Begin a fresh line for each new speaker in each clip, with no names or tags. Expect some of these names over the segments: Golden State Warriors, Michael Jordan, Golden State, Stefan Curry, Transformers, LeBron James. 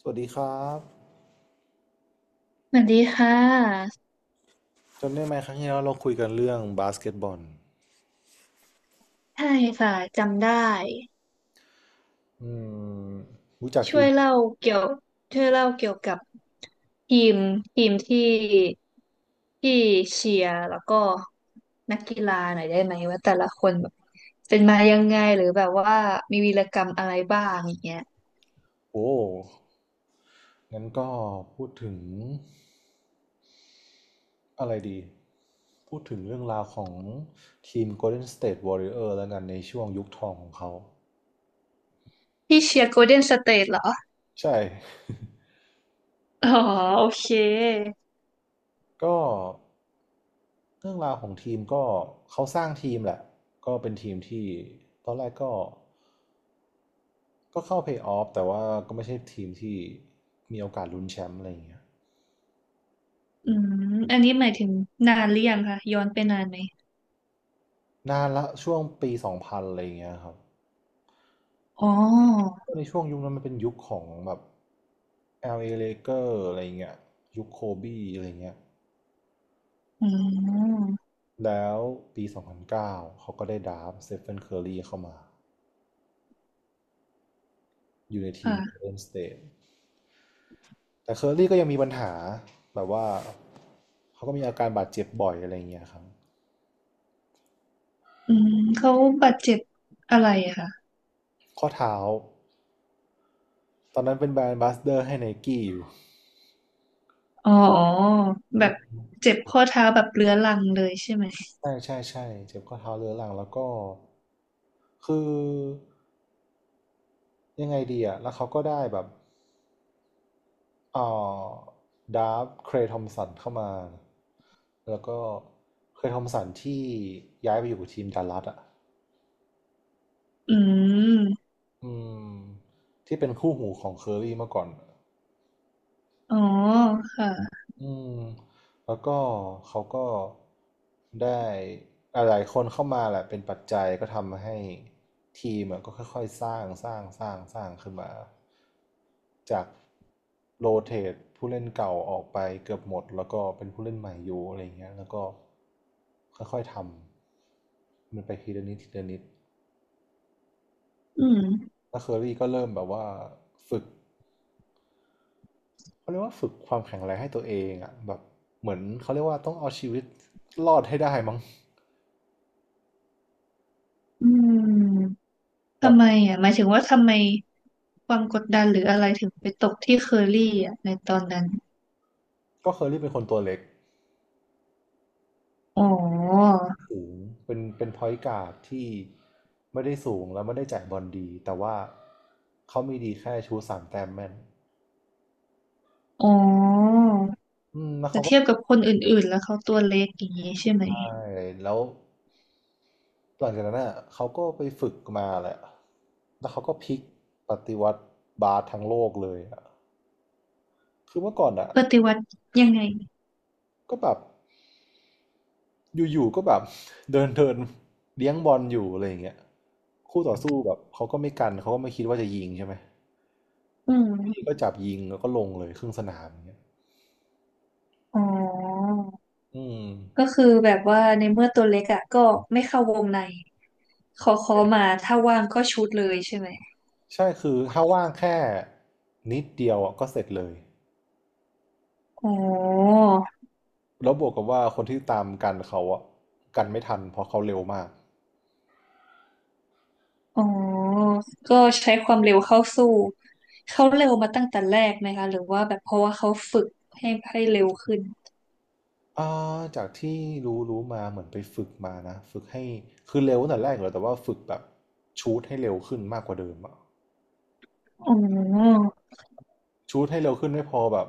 สวัสดีครับ
สวัสดีค่ะ
จำได้ไหมครั้งที่แล้วเราคุยกันเรื่องบาสเกตบอล
ใช่ค่ะจำได้
อืมรู้จัก
ช่
ที
ว
ม
ยเล่าเกี่ยวช่วยเล่าเกี่ยวกับทีมทีมที่ที่เชียร์แล้วก็นักกีฬาหน่อยได้ไหมว่าแต่ละคนแบบเป็นมายังไงหรือแบบว่ามีวีรกรรมอะไรบ้างอย่างเงี้ย
โอ้งั้นก็พูดถึงอะไรดีพูดถึงเรื่องราวของทีม Golden State Warrior แล้วกันในช่วงยุคทองของเขา
พี่เชียร์โกลเด้นสเตทเหรอ
ใช่
อ๋อโอเค
ก็เรื่องราวของทีมก็เขาสร้างทีมแหละก็เป็นทีมที่ตอนแรกก็ก็เข้าเพลย์ออฟแต่ว่าก็ไม่ใช่ทีมที่มีโอกาสลุ้นแชมป์อะไรอย่างเงี้ย
อืมอันนี้หมายถึงนานหรือยังคะย้อนไปนานไหม
นานละช่วงปีสองพันอะไรอย่างเงี้ยครับ
อ๋อ
ในช่วงยุคนั้นมันเป็นยุคของแบบ LA Laker อ Lakers อะไรเงี้ยยุคโคบีอะไรเงี้ย
อืม
แล้วปี2009เก้าเขาก็ได้ดราฟต์สเตฟานเคอร์รีเข้ามาอยู่ในทีม
ค่ะ
เอ n นสเต e แต่เคอร์รีก็ยังมีปัญหาแบบว่าเขาก็มีอาการบาดเจ็บบ่อยอะไรเงี้ยครับ
อืมเขาบาดเจ็บอะไรอะคะ
ข้อเท้าตอนนั้นเป็นแบรนด์บัสเดอร์ให้ไนกี้อยู่
อ๋อแบ
อื
บ
ม
เจ็บข้อเท้าแบบเรื้อรังเลยใช่ไหม
ใช่ใช่ใช่เจ็บข้อเท้าเรื้อรังแล้วก็คือยังไงดีอะแล้วเขาก็ได้แบบ อ่อดาร์ฟเครย์ทอมสันเข้ามาแล้วก็เครย์ทอมสันที่ย้ายไปอยู่กับทีมดัลลัสอ่ะ
อืม
อืมที่เป็นคู่หูของเคอรรี่เมื่อก่อนอะ
อ๋อค่ะ
อืมแล้วก็เขาก็ได้หลายๆคนเข้ามาแหละเป็นปัจจัยก็ทำให้ทีมอะก็ค่อยๆสร้างสร้างสร้างสร้างขึ้นมาจากโรเตทผู้เล่นเก่าออกไปเกือบหมดแล้วก็เป็นผู้เล่นใหม่อยู่อะไรอย่างเงี้ยแล้วก็ค่อยๆทำมันไปทีละนิดทีละนิด
อืม
แล้วเคอรี่ก็เริ่มแบบว่าฝึกเขาเรียกว่าฝึกความแข็งแรงให้ตัวเองอะแบบเหมือนเขาเรียกว่าต้องเอาชีวิตรอดให้ได้มั้ง
อืม
แบ
ทำ
บ
ไมอ่ะหมายถึงว่าทำไมความกดดันหรืออะไรถึงไปตกที่เคอรี่อ่ะในตอนนั้น
ก็เคอรรี่เป็นคนตัวเล็ก
อ๋อ
สูงเป็นเป็นพอยต์การ์ดที่ไม่ได้สูงแล้วไม่ได้จ่ายบอลดีแต่ว่าเขามีดีแค่ชูสามแต้มแม่น
อ๋อ
อืมแล้ว
แต่
เขาก็
เทียบกับคนอื่นๆแล้วเขาตัวเล็กอย่างนี้ใช่ไหม
ได้แล้วหลังจากนั้นอ่ะเขาก็ไปฝึกมาแหละแล้วเขาก็พลิกปฏิวัติบาสทั้งโลกเลยอ่ะคือเมื่อก่อนอ่ะ
ปฏิวัติยังไง
ก็แบบอยู่ๆก็แบบ เดินเดินเลี้ยงบอลอยู่อะไรอย่างเงี้ยคู่ต่อสู้แบบเขาก็ไม่กันเขาก็ไม่คิดว่าจะยิงใช่ไหม
อื
พี่
ม
ก็จับยิงแล้วก็ลงเลยครึ่งสนามอย่างเงี้ย
อ๋อ
อืม
ก็คือแบบว่าในเมื่อตัวเล็กอ่ะก็ไม่เข้าวงในขอมาถ้าว่างก็ชุดเลยใช่ไหม
ใช่คือถ้าว่างแค่นิดเดียวอ่ะก็เสร็จเลย
อ๋อ
แล้วบวกกับว่าคนที่ตามกันเขาอ่ะกันไม่ทันเพราะเขาเร็วมาก
อ๋อก็ใช้ความเร็วเข้าสู้เขาเร็วมาตั้งแต่แรกไหมคะหรือว่าแบบเพราะว่าเขาฝึกให้เร็วขึ้น
อ่าจากที่รู้รู้มาเหมือนไปฝึกมานะฝึกให้คือเร็วตั้งแต่แรกอยู่แล้วแต่ว่าฝึกแบบชูตให้เร็วขึ้นมากกว่าเดิมอะ
อ๋อ
ชูตให้เร็วขึ้นไม่พอแบบ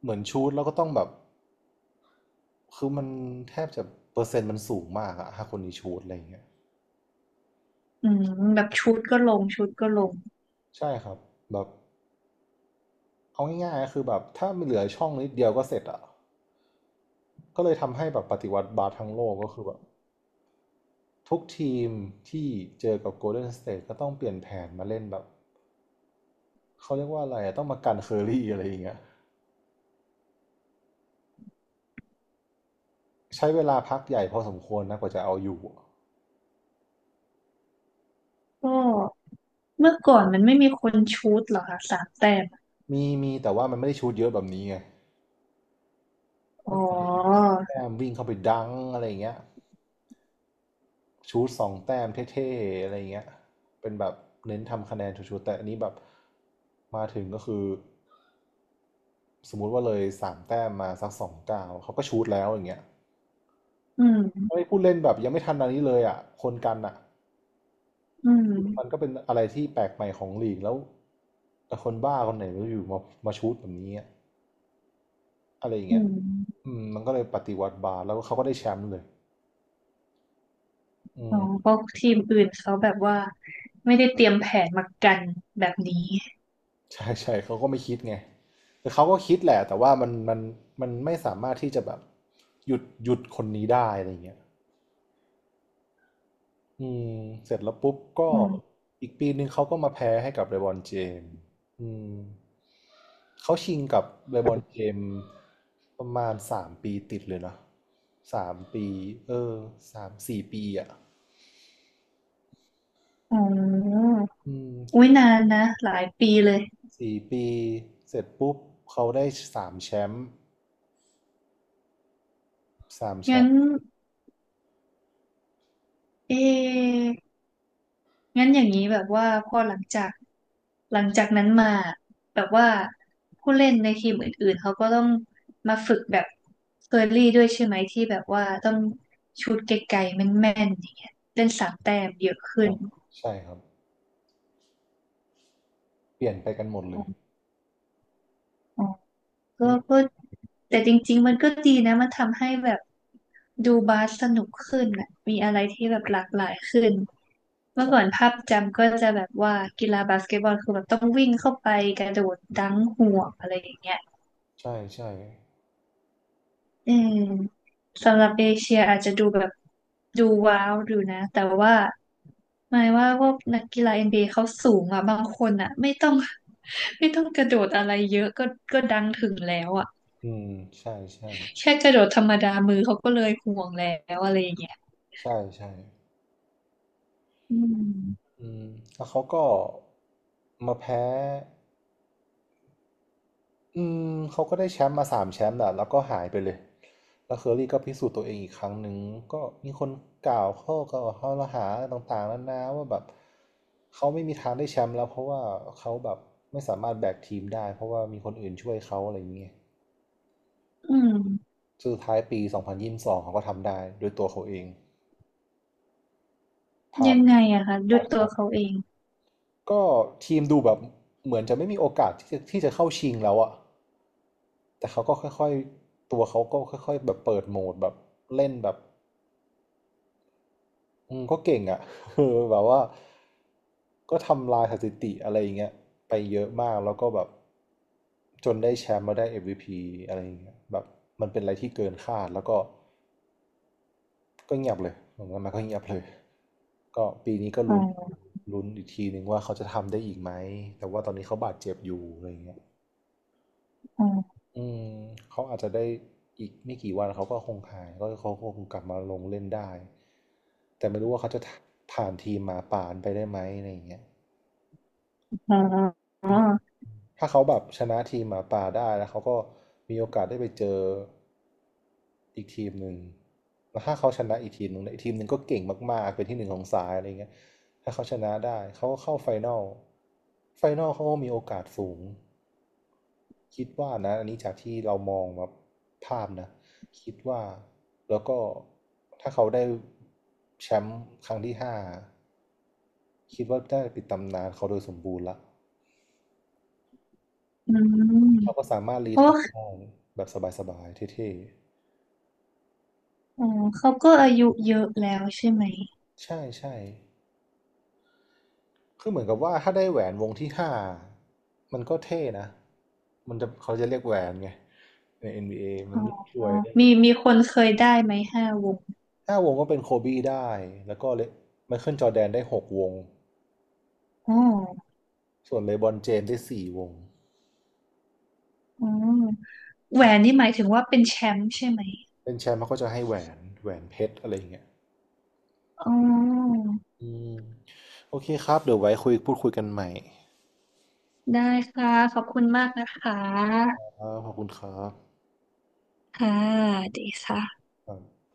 เหมือนชูตแล้วก็ต้องแบบคือมันแทบจะเปอร์เซ็นต์มันสูงมากอะถ้าคนนี้ชูตอะไรอย่างเงี้ย
อืมแบบชุดก็ลงชุดก็ลง
ใช่ครับแบบเอาง่ายๆก็คือแบบถ้ามันเหลือช่องนิดเดียวก็เสร็จอะก็เลยทำให้แบบปฏิวัติบาสทั้งโลกก็คือแบบทุกทีมที่เจอกับโกลเด้นสเตทก็ต้องเปลี่ยนแผนมาเล่นแบบเขาเรียกว่าอะไรอะต้องมากันเคอรี่อะไรอย่างเงี้ย ใช้เวลาพักใหญ่พอสมควรนะกว่าจะเอาอยู่
ก็เมื่อก่อนมันไม่มีคนชุดเหรอคะสามแต้ม
มีมีแต่ว่ามันไม่ได้ชูตเยอะแบบนี้ไง
อ๋
มัน
อ
แต้มวิ่งเข้าไปดังอะไรอย่างเงี้ยชูตสองแต้มเท่ๆอะไรอย่างเงี้ยเป็นแบบเน้นทำคะแนนชูตๆแต่อันนี้แบบมาถึงก็คือสมมุติว่าเลยสามแต้มมาสักสองเก้าวเขาก็ชูตแล้วอย่างเงี้ย
อื
ไม่
ม
พูดเล่นแบบยังไม่ทันอันนี้เลยอ่ะคนกันอ่ะ
อื
มันก็
ม
เป็นอะไรที่แปลกใหม่ของลีกแล้วแต่คนบ้าคนไหนไม่รู้อยู่มามาชูตแบบนี้อะ อะไรอย่าง
อื
เงี้ย
ม
อืมมันก็เลยปฏิวัติบาสแล้วเขาก็ได้แชมป์เลยอื
อ๋อ
ม
เพราะทีมอื่นเขาแบบว่าไม่ได้เตรียมแผนมากันแบบนี้
ใช่ใช่เขาก็ไม่คิดไง แต่เขาก็คิดแหละแต่ว่ามันมันไม่สามารถที่จะแบบหยุดหยุดคนนี้ได้อะไรอย่างเงี้ยอืมเสร็จแล้วปุ๊บก็
อืม
อีกปีนึงเขาก็มาแพ้ให้กับเลบรอนเจมส์อืมเขาชิงกับเลบรอนเจมส์ประมาณสามปีติดเลยเนอะสามปีเออสามสี่ปีอ่ะ
อ๋อ
อืม
อุ้ยนานนะหลายปีเลย
สี่ปีเสร็จปุ๊บเขาได้สามแชมป์สามแช
งั้
ม
น
ป์
เองั้นอย่างนี้แบบว่าพอหลังจากนั้นมาแบบว่าผู้เล่นในทีมอื่นๆเขาก็ต้องมาฝึกแบบเคอรี่ด้วยใช่ไหมที่แบบว่าต้องชูตไกลๆแม่นๆอย่างเงี้ยเล่นสามแต้มเยอะขึ้น
อ่ะใช่ครับเปลี่ยนไปกันหมดเลย
อ๋อ ก็
อืม
แต่จริงๆมันก็ดีนะมันทำให้แบบดูบาสสนุกขึ้นอ่ะมีอะไรที่แบบหลากหลายขึ้นเมื่อ
ใช่
ก่อนภาพจำก็จะแบบว่ากีฬาบาสเกตบอลคือแบบต้องวิ่งเข้าไปกระโดดดังห่วงอะไรอย่างเงี้ย
ใช่ใช่
อืมสำหรับเอเชียอาจจะดูแบบดูว้าวดูนะแต่ว่าหมายว่าพวกนักกีฬา n บ a เอเขาสูงอ่ะบางคนอ่ะไม่ต้อง ไม่ต้องกระโดดอะไรเยอะก็ดังถึงแล้วอ่ะ
อืมใช่ใช่
แค่กระโดดธรรมดามือเขาก็เลยห่วงแล้วอะไรอย่างเงี้ย
ใช่ใช่
อืม
อืมแล้วเขาก็มาแพ้ อืมเขาก็ได้แชมป์มาสามแชมป์แหละแล้วก็หายไปเลยแล้วเคอรี่ก็พิสูจน์ตัวเองอีกครั้งหนึ่งก็มีคนกล่าวข้อหาต่างๆนานาว่าแบบเขาไม่มีทางได้แชมป์แล้วเพราะว่าเขาแบบไม่สามารถแบกทีมได้เพราะว่ามีคนอื่นช่วยเขาอะไรอย่างเงี้ย
อืม
สุดท้ายปี2022เขาก็ทำได้ด้วยตัวเขาเองพา
ยั
ด
งไงอะคะดู
พาดไ
ตัวเขาเอง
ก็ทีมดูแบบเหมือนจะไม่มีโอกาสที่จะเข้าชิงแล้วอะแต่เขาก็ค่อยๆตัวเขาก็ค่อยๆแบบเปิดโหมดแบบเล่นแบบอืมก็เก่งอะ เออแบบว่าก็ทำลายสถิติอะไรอย่างเงี้ยไปเยอะมากแล้วก็แบบจนได้แชมป์มาได้เอ็มวีพีอะไรอย่างเงี้ยแบบมันเป็นอะไรที่เกินคาดแล้วก็เงียบเลยผมว่ามันก็เงียบเลยก็ปีนี้ก็
อ๋อ
ลุ้นอีกทีหนึ่งว่าเขาจะทำได้อีกไหมแต่ว่าตอนนี้เขาบาดเจ็บอยู่อะไรอย่างเงี้ย
อ๋อ
อืมเขาอาจจะได้อีกไม่กี่วันเขาก็คงหายก็เขาคงกลับมาลงเล่นได้แต่ไม่รู้ว่าเขาจะผ่านทีมหมาป่านไปได้ไหมอะไรอย่างเงี้ย
อ๋ออ๋อ
อื ถ้าเขาแบบชนะทีมหมาป่าได้แล้วเขาก็มีโอกาสได้ไปเจออีกทีมหนึ่งแล้วถ้าเขาชนะอีกทีมหนึ่งเนี่ยอีกทีมหนึ่งก็เก่งมากๆเป็นที่หนึ่งของสายอะไรเงี้ยถ้าเขาชนะได้เขาก็เข้าไฟนอลไฟนอลเขาก็มีโอกาสสูงคิดว่านะอันนี้จากที่เรามองแบบภาพนะคิดว่าแล้วก็ถ้าเขาได้แชมป์ครั้งที่ห้าคิดว่าได้ปิดตำนานเขาโดยสมบูรณ์ละ
อื
เราก็
ม
สามารถรี
เพราะ
ไทัช
ว่า
ได้แบบสบายๆเท่
อ๋อเขาก็อายุเยอะแล้วใช่ไหม
ๆใช่ใช่คือเหมือนกับว่าถ้าได้แหวนวงที่ห้ามันก็เท่นะมันจะเขาจะเรียกแหวนไงใน NBA มั
อ๋
น
อ
ช่วยได้แบ
มี
บ
คนเคยได้ไหมห้าวง
ห้าวงก็เป็นโคบี้ได้แล้วก็เลไมเคิลจอร์แดนได้หกวง
อ๋อ
ส่วนเลบรอนเจมส์ได้สี่วง
อ๋อแหวนนี่หมายถึงว่าเป็นแชมป์ใช่ไหม
เป็นแชมป์เขาก็จะให้แหวนแหวนเพชรอะไรอย่างเงี้ย
อ๋อ
อืมโอเคครับเดี๋ยวไว้พูดคุยกันใหม่
ได้ค่ะขอบคุณมากนะค
ค
ะ
รับขอบคุณครั
ค่ะดีค่ะ
บ